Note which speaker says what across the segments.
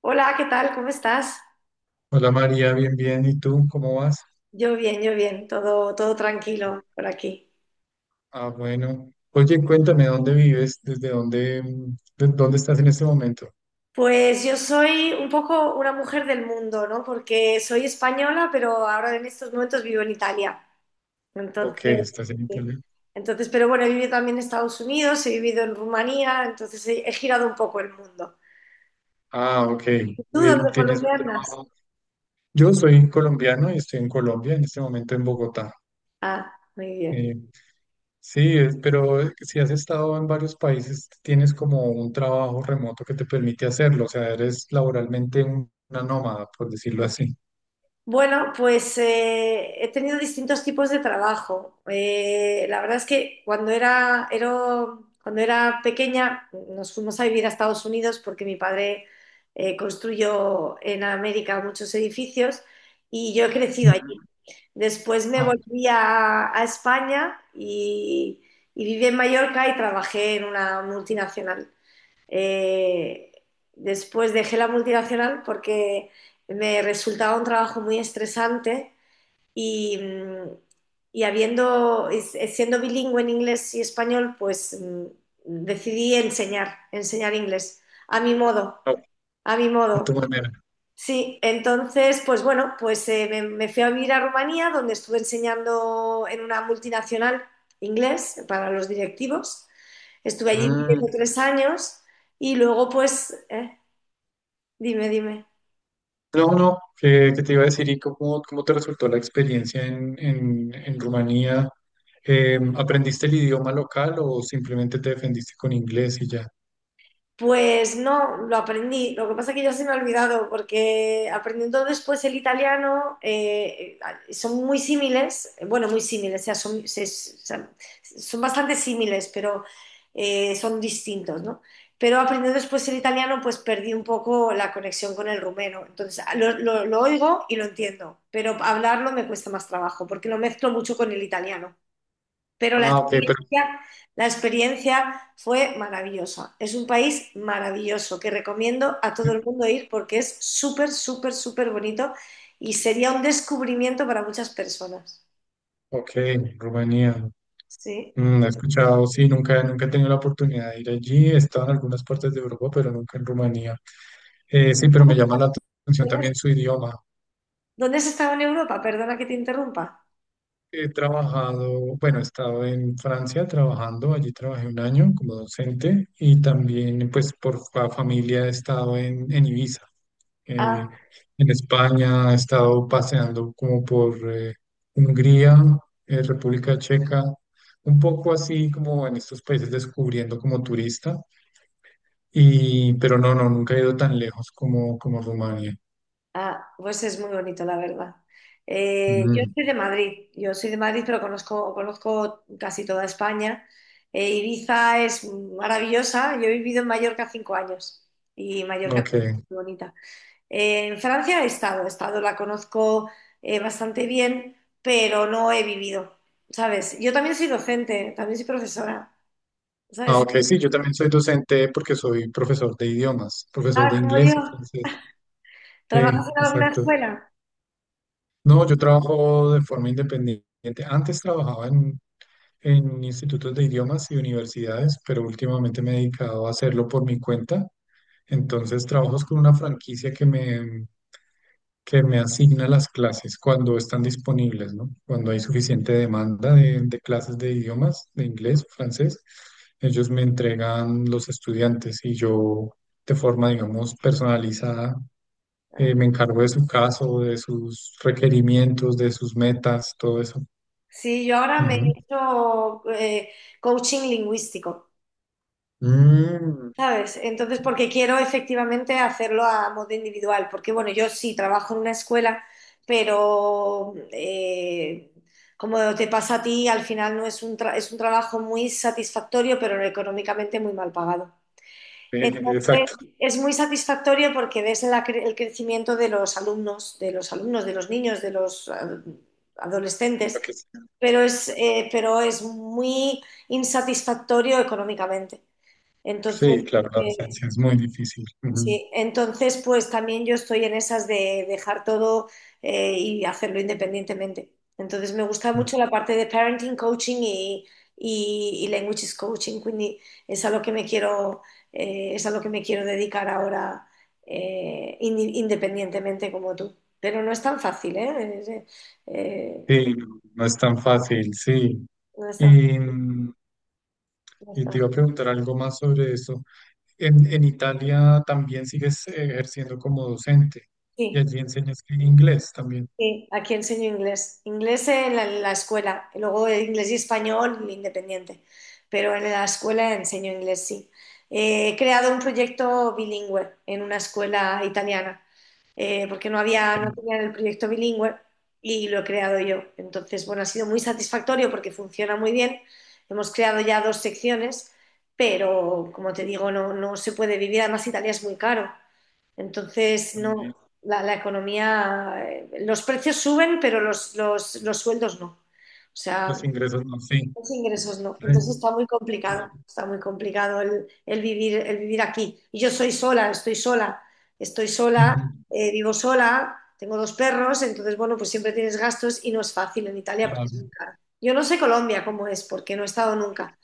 Speaker 1: Hola, ¿qué tal? ¿Cómo estás?
Speaker 2: Hola María, bien, bien. ¿Y tú cómo vas?
Speaker 1: Yo bien, todo tranquilo por aquí.
Speaker 2: Ah, bueno. Oye, cuéntame dónde vives, desde dónde, dónde estás en este momento.
Speaker 1: Pues yo soy un poco una mujer del mundo, ¿no? Porque soy española, pero ahora en estos momentos vivo en Italia.
Speaker 2: Ok,
Speaker 1: Entonces,
Speaker 2: estás en
Speaker 1: sí.
Speaker 2: Italia.
Speaker 1: Entonces, pero bueno, he vivido también en Estados Unidos, he vivido en Rumanía, entonces he girado un poco el mundo.
Speaker 2: Ah, ok.
Speaker 1: ¿Tú
Speaker 2: Bien,
Speaker 1: dónde, por
Speaker 2: tienes un
Speaker 1: dónde andas?
Speaker 2: trabajo. Yo soy colombiano y estoy en Colombia en este momento en Bogotá.
Speaker 1: Ah, muy bien.
Speaker 2: Eh, sí, pero si has estado en varios países, tienes como un trabajo remoto que te permite hacerlo. O sea, eres laboralmente una nómada, por decirlo así.
Speaker 1: Bueno, pues he tenido distintos tipos de trabajo. La verdad es que cuando era pequeña nos fuimos a vivir a Estados Unidos porque mi padre construyó en América muchos edificios y yo he crecido allí.
Speaker 2: Ujú.
Speaker 1: Después me
Speaker 2: Ah,
Speaker 1: volví a España y viví en Mallorca y trabajé en una multinacional. Eh, Después dejé la multinacional porque me resultaba un trabajo muy estresante y, mm, y siendo bilingüe en inglés y español, pues decidí enseñar, enseñar inglés, a mi modo,
Speaker 2: a
Speaker 1: a mi
Speaker 2: a tu
Speaker 1: modo.
Speaker 2: manera.
Speaker 1: Sí, entonces, pues bueno, pues me fui a vivir a Rumanía, donde estuve enseñando en una multinacional inglés para los directivos. Estuve allí viviendo
Speaker 2: Mm.
Speaker 1: 3 años y luego, pues, dime, dime.
Speaker 2: No, no, qué te iba a decir? ¿Y cómo te resultó la experiencia en Rumanía? ¿Aprendiste el idioma local o simplemente te defendiste con inglés y ya?
Speaker 1: Pues no, lo aprendí. Lo que pasa es que ya se me ha olvidado, porque aprendiendo después el italiano son muy símiles, bueno, muy símiles, o sea, son bastante símiles, pero son distintos, ¿no? Pero aprendiendo después el italiano, pues perdí un poco la conexión con el rumeno. Entonces, lo oigo y lo entiendo, pero hablarlo me cuesta más trabajo, porque lo mezclo mucho con el italiano. Pero la
Speaker 2: Ah, ok, pero...
Speaker 1: experiencia, la experiencia fue maravillosa. Es un país maravilloso que recomiendo a todo el mundo ir porque es súper, súper, súper bonito y sería un descubrimiento para muchas personas.
Speaker 2: Ok, Rumanía.
Speaker 1: Sí.
Speaker 2: Mm, he escuchado, sí, nunca he tenido la oportunidad de ir allí. He estado en algunas partes de Europa, pero nunca en Rumanía. Sí, pero me llama la atención
Speaker 1: ¿Dónde has,
Speaker 2: también su idioma.
Speaker 1: dónde has estado en Europa? Perdona que te interrumpa.
Speaker 2: He trabajado, bueno, he estado en Francia trabajando, allí trabajé un año como docente y también pues familia he estado en Ibiza, eh,
Speaker 1: Ah.
Speaker 2: en España, he estado paseando como por Hungría, República Checa, un poco así como en estos países descubriendo como turista, y, pero nunca he ido tan lejos como Rumania.
Speaker 1: Ah, pues es muy bonito, la verdad. Yo
Speaker 2: Mm,
Speaker 1: soy de Madrid, yo soy de Madrid, pero conozco casi toda España. Ibiza es maravillosa, yo he vivido en Mallorca 5 años y Mallorca es
Speaker 2: ok.
Speaker 1: muy bonita. En Francia he estado, la conozco bastante bien, pero no he vivido, ¿sabes? Yo también soy docente, también soy profesora,
Speaker 2: Ah,
Speaker 1: ¿sabes?
Speaker 2: ok, sí, yo también soy docente porque soy profesor de idiomas, profesor
Speaker 1: Ah,
Speaker 2: de
Speaker 1: como yo,
Speaker 2: inglés y francés. Sí,
Speaker 1: ¿trabajas en alguna
Speaker 2: exacto.
Speaker 1: escuela?
Speaker 2: No, yo trabajo de forma independiente. Antes trabajaba en institutos de idiomas y universidades, pero últimamente me he dedicado a hacerlo por mi cuenta. Entonces trabajo con una franquicia que me asigna las clases cuando están disponibles, ¿no? Cuando hay suficiente demanda de clases de idiomas, de inglés, francés, ellos me entregan los estudiantes y yo de forma, digamos, personalizada, me encargo de su caso, de sus requerimientos, de sus metas, todo eso.
Speaker 1: Sí, yo ahora me he
Speaker 2: Ujú.
Speaker 1: hecho coaching lingüístico,
Speaker 2: Mm,
Speaker 1: ¿sabes? Entonces, porque quiero efectivamente hacerlo a modo individual, porque bueno, yo sí trabajo en una escuela, pero como te pasa a ti, al final no es un es un trabajo muy satisfactorio, pero económicamente muy mal pagado. Entonces,
Speaker 2: exacto.
Speaker 1: es muy satisfactorio porque ves la el crecimiento de los alumnos, de los niños, de los adolescentes,
Speaker 2: lo que es-
Speaker 1: pero es muy insatisfactorio económicamente. Entonces,
Speaker 2: Sí, claro, la
Speaker 1: eh,
Speaker 2: docencia es muy difícil. Ujú.
Speaker 1: sí, entonces, pues también yo estoy en esas de dejar todo, y hacerlo independientemente. Entonces, me gusta mucho la parte de parenting coaching y languages coaching. Quindi es a lo que me quiero, es a lo que me quiero dedicar ahora, independientemente como tú. Pero no es tan fácil, ¿eh? Eh,
Speaker 2: Sí, no es tan fácil, sí.
Speaker 1: no es tan,
Speaker 2: Y,
Speaker 1: no es
Speaker 2: Y
Speaker 1: tan
Speaker 2: te iba
Speaker 1: fácil.
Speaker 2: a preguntar algo más sobre eso. En Italia también sigues ejerciendo como docente y
Speaker 1: Sí.
Speaker 2: allí enseñas que inglés también.
Speaker 1: Sí, aquí enseño inglés. Inglés en la escuela, y luego inglés y español independiente, pero en la escuela enseño inglés, sí. He creado un proyecto bilingüe en una escuela italiana, porque
Speaker 2: Ok,
Speaker 1: no tenían el proyecto bilingüe y lo he creado yo. Entonces, bueno, ha sido muy satisfactorio porque funciona muy bien. Hemos creado ya dos secciones, pero como te digo, no, no se puede vivir. Además, Italia es muy caro. Entonces, no,
Speaker 2: también.
Speaker 1: la economía, los precios suben, pero los sueldos no. O sea,
Speaker 2: Los ingresos no, sí.
Speaker 1: los ingresos no.
Speaker 2: Re-
Speaker 1: Entonces
Speaker 2: re-
Speaker 1: está muy complicado el vivir aquí. Y yo soy sola, estoy sola,
Speaker 2: ujú,
Speaker 1: vivo sola, tengo dos perros, entonces, bueno, pues siempre tienes gastos y no es fácil en Italia porque es muy
Speaker 2: claro.
Speaker 1: caro. Yo no sé Colombia cómo es, porque no he estado nunca.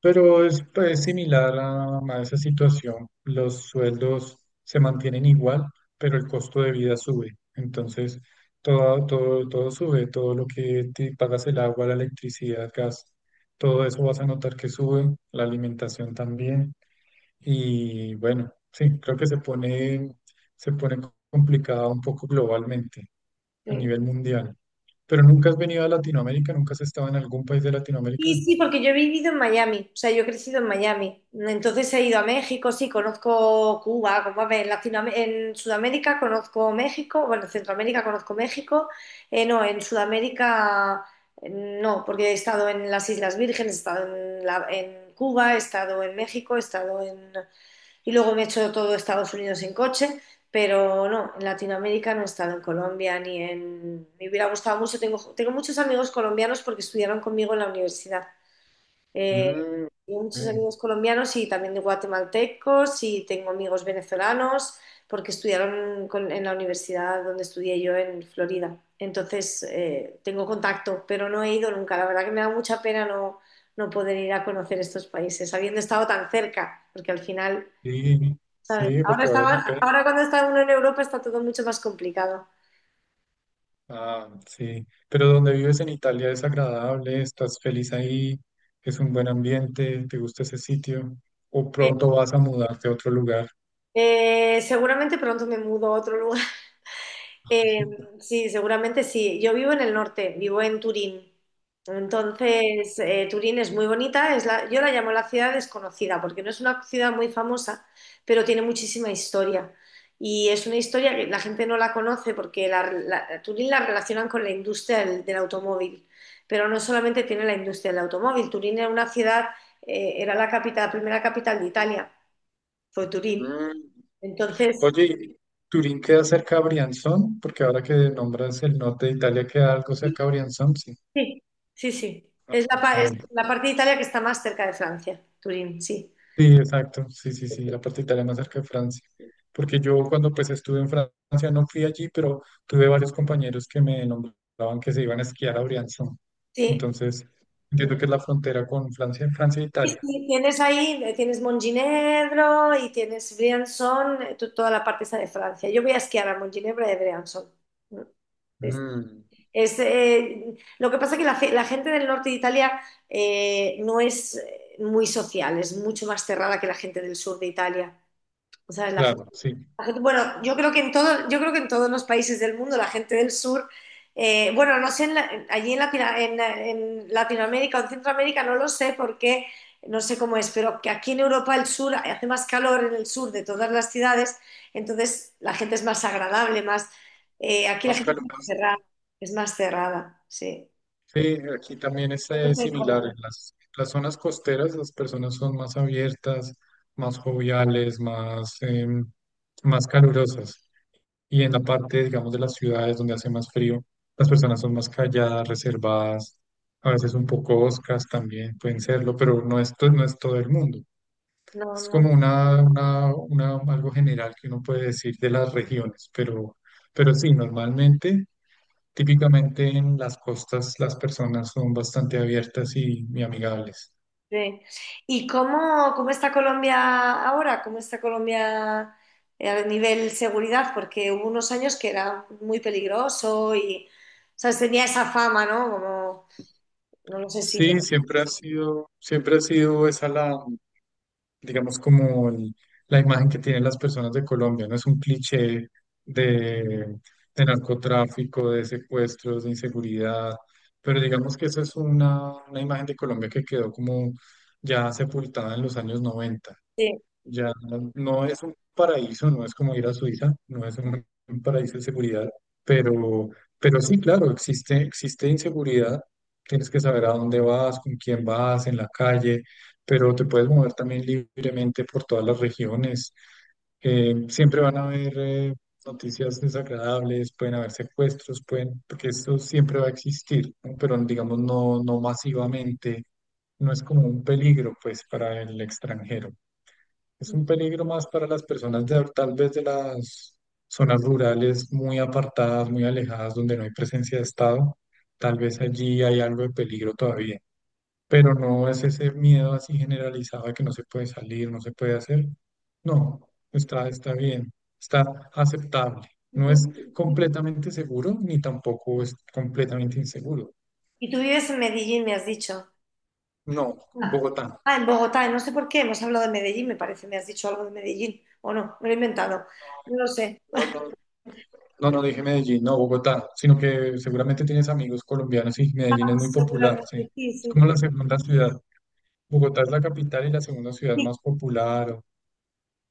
Speaker 2: Pero es pues, similar a esa situación. Los sueldos se mantienen igual, pero el costo de vida sube. Entonces, todo sube, todo lo que te pagas el agua, la electricidad, gas, todo eso vas a notar que sube, la alimentación también. Y bueno, sí, creo que se pone complicada un poco globalmente, a
Speaker 1: Sí.
Speaker 2: nivel mundial. Pero nunca has venido a Latinoamérica, nunca has estado en algún país de Latinoamérica.
Speaker 1: Sí, sí, porque yo he vivido en Miami, o sea, yo he crecido en Miami. Entonces he ido a México, sí, conozco Cuba, como a ver, en Sudamérica conozco México, bueno, en Centroamérica conozco México, no, en Sudamérica no, porque he estado en las Islas Vírgenes, he estado en Cuba, he estado en México, he estado en... y luego me he hecho todo Estados Unidos en coche, pero no, en Latinoamérica no he estado en Colombia ni en... Me hubiera gustado mucho, tengo muchos amigos colombianos porque estudiaron conmigo en la universidad. Eh,
Speaker 2: Mm,
Speaker 1: Tengo muchos
Speaker 2: sí.
Speaker 1: amigos colombianos y también de guatemaltecos y tengo amigos venezolanos porque estudiaron en la universidad donde estudié yo en Florida. Entonces, tengo contacto, pero no he ido nunca. La verdad que me da mucha pena no poder ir a conocer estos países, habiendo estado tan cerca, porque al final,
Speaker 2: Sí,
Speaker 1: ¿sabes?
Speaker 2: sí, porque vale la
Speaker 1: Ahora
Speaker 2: pena.
Speaker 1: cuando está uno en Europa está todo mucho más complicado.
Speaker 2: Ah, sí. Pero donde vives en Italia es agradable, estás feliz ahí, es un buen ambiente, te gusta ese sitio, o
Speaker 1: Eh,
Speaker 2: pronto vas a mudarte a otro lugar.
Speaker 1: Seguramente pronto me mudo a otro lugar. Eh, sí, seguramente sí. Yo vivo en el norte, vivo en Turín. Entonces, Turín es muy bonita, yo la llamo la ciudad desconocida, porque no es una ciudad muy famosa, pero tiene muchísima historia. Y es una historia que la gente no la conoce porque Turín la relacionan con la industria del automóvil, pero no solamente tiene la industria del automóvil. Turín era una ciudad, era la capital, la primera capital de Italia, fue Turín.
Speaker 2: Mm.
Speaker 1: Entonces,
Speaker 2: Oye, ¿Turín queda cerca a Brianzón? Porque ahora que nombras el norte de Italia, queda algo cerca a Brianzón, sí.
Speaker 1: sí, sí, sí. Es la, pa- es
Speaker 2: Eh,
Speaker 1: la parte de Italia que está más cerca de Francia, Turín, sí.
Speaker 2: Sí, exacto, sí, sí, sí, la parte italiana cerca de Francia, porque yo cuando pues estuve en Francia no fui allí, pero tuve varios compañeros que me nombraban que se iban a esquiar a Briançon,
Speaker 1: Sí.
Speaker 2: entonces entiendo que es la frontera con Francia, Francia e
Speaker 1: Sí,
Speaker 2: Italia.
Speaker 1: sí, tienes ahí, tienes Montginevro y tienes Briançon, toda la parte esa de Francia. Yo voy a esquiar a Montginevro y a Briançon. Mm. Es,
Speaker 2: Mm,
Speaker 1: lo que pasa es que la gente del norte de Italia no es muy social, es mucho más cerrada que la gente del sur de Italia. O sea, la...
Speaker 2: claro, sí,
Speaker 1: Bueno, yo creo que en todo, yo creo que en todos los países del mundo, la gente del sur, bueno, no sé, allí en Latinoamérica o en Centroamérica no lo sé porque no sé cómo es, pero que aquí en Europa el sur hace más calor en el sur de todas las ciudades, entonces la gente es más agradable, más aquí la
Speaker 2: más
Speaker 1: gente
Speaker 2: caluroso.
Speaker 1: es más cerrada, sí.
Speaker 2: Sí, aquí también es
Speaker 1: No sé en
Speaker 2: similar. En
Speaker 1: Colombia.
Speaker 2: las zonas costeras las personas son más abiertas, más joviales, más calurosas. Y en la parte, digamos, de las ciudades donde hace más frío, las personas son más calladas, reservadas, a veces un poco oscas también pueden serlo, pero no es, no es todo el mundo.
Speaker 1: No,
Speaker 2: Es
Speaker 1: no.
Speaker 2: como algo general que uno puede decir de las regiones, pero sí, normalmente, típicamente en las costas las personas son bastante abiertas y amigables.
Speaker 1: Sí. ¿Y cómo está Colombia ahora? ¿Cómo está Colombia a nivel seguridad? Porque hubo unos años que era muy peligroso y, ¿sabes? Tenía esa fama, ¿no? Como, no lo sé si...
Speaker 2: Sí, siempre ha sido esa la digamos, la imagen que tienen las personas de Colombia, no es un cliché de, de narcotráfico, de secuestros, de inseguridad, pero digamos que esa es una imagen de Colombia que quedó como ya sepultada en los años 90
Speaker 1: Sí.
Speaker 2: ya no, no es un paraíso, no es como ir a Suiza, no es un paraíso de seguridad, pero, pero sí, claro, existe, existe inseguridad, tienes que saber a dónde vas, con quién vas, en la calle, pero te puedes mover también libremente por todas las regiones. Siempre van a haber noticias desagradables, pueden haber secuestros, pueden, porque esto siempre va a existir, ¿no? Pero digamos no, no masivamente, no es como un peligro pues para el extranjero. Es un peligro más para las personas de, tal vez de las zonas rurales muy apartadas, muy alejadas, donde no hay presencia de Estado. Tal vez allí hay algo de peligro todavía, pero no es ese miedo así generalizado de que no se puede salir, no se puede hacer. No, está, está bien, está aceptable.
Speaker 1: ¿Y
Speaker 2: No
Speaker 1: tú,
Speaker 2: es completamente seguro ni tampoco es completamente inseguro.
Speaker 1: y tú vives en Medellín, me has dicho.
Speaker 2: No,
Speaker 1: Ah,
Speaker 2: Bogotá.
Speaker 1: ah, en Bogotá, no sé por qué, hemos hablado de Medellín, me parece, me has dicho algo de Medellín, o no, me lo he inventado, no lo sé.
Speaker 2: No, no, no no dije Medellín, no Bogotá, sino que seguramente tienes amigos colombianos y Medellín es
Speaker 1: Ah,
Speaker 2: muy popular, sí.
Speaker 1: seguramente, sí,
Speaker 2: Es
Speaker 1: sí,
Speaker 2: como la segunda ciudad. Bogotá es la capital y la segunda ciudad
Speaker 1: sí.
Speaker 2: más popular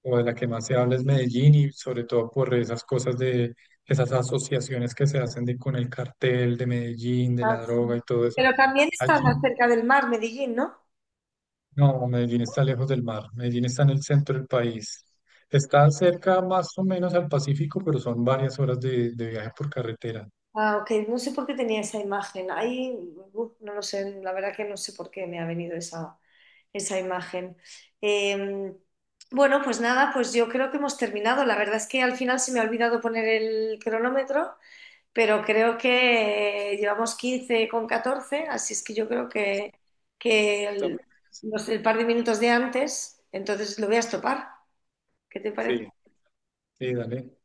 Speaker 2: o de la que más se habla es Medellín y sobre todo por esas cosas de esas asociaciones que se hacen de, con el cartel de Medellín, de
Speaker 1: Ah,
Speaker 2: la
Speaker 1: sí.
Speaker 2: droga y todo eso.
Speaker 1: Pero también estás
Speaker 2: Allí,
Speaker 1: más cerca del mar, Medellín, ¿no?
Speaker 2: no, Medellín está lejos del mar. Medellín está en el centro del país. Está cerca más o menos al Pacífico, pero son varias horas de viaje por carretera.
Speaker 1: Ah, ok, no sé por qué tenía esa imagen. Ahí, uf, no lo sé, la verdad que no sé por qué me ha venido esa imagen. Eh, bueno, pues nada, pues yo creo que hemos terminado. La verdad es que al final se me ha olvidado poner el cronómetro, pero creo que llevamos 15:14. Así es que yo creo que el,
Speaker 2: También,
Speaker 1: el par de minutos de antes, entonces lo voy a estopar. ¿Qué te parece?
Speaker 2: sí. Sí, dale.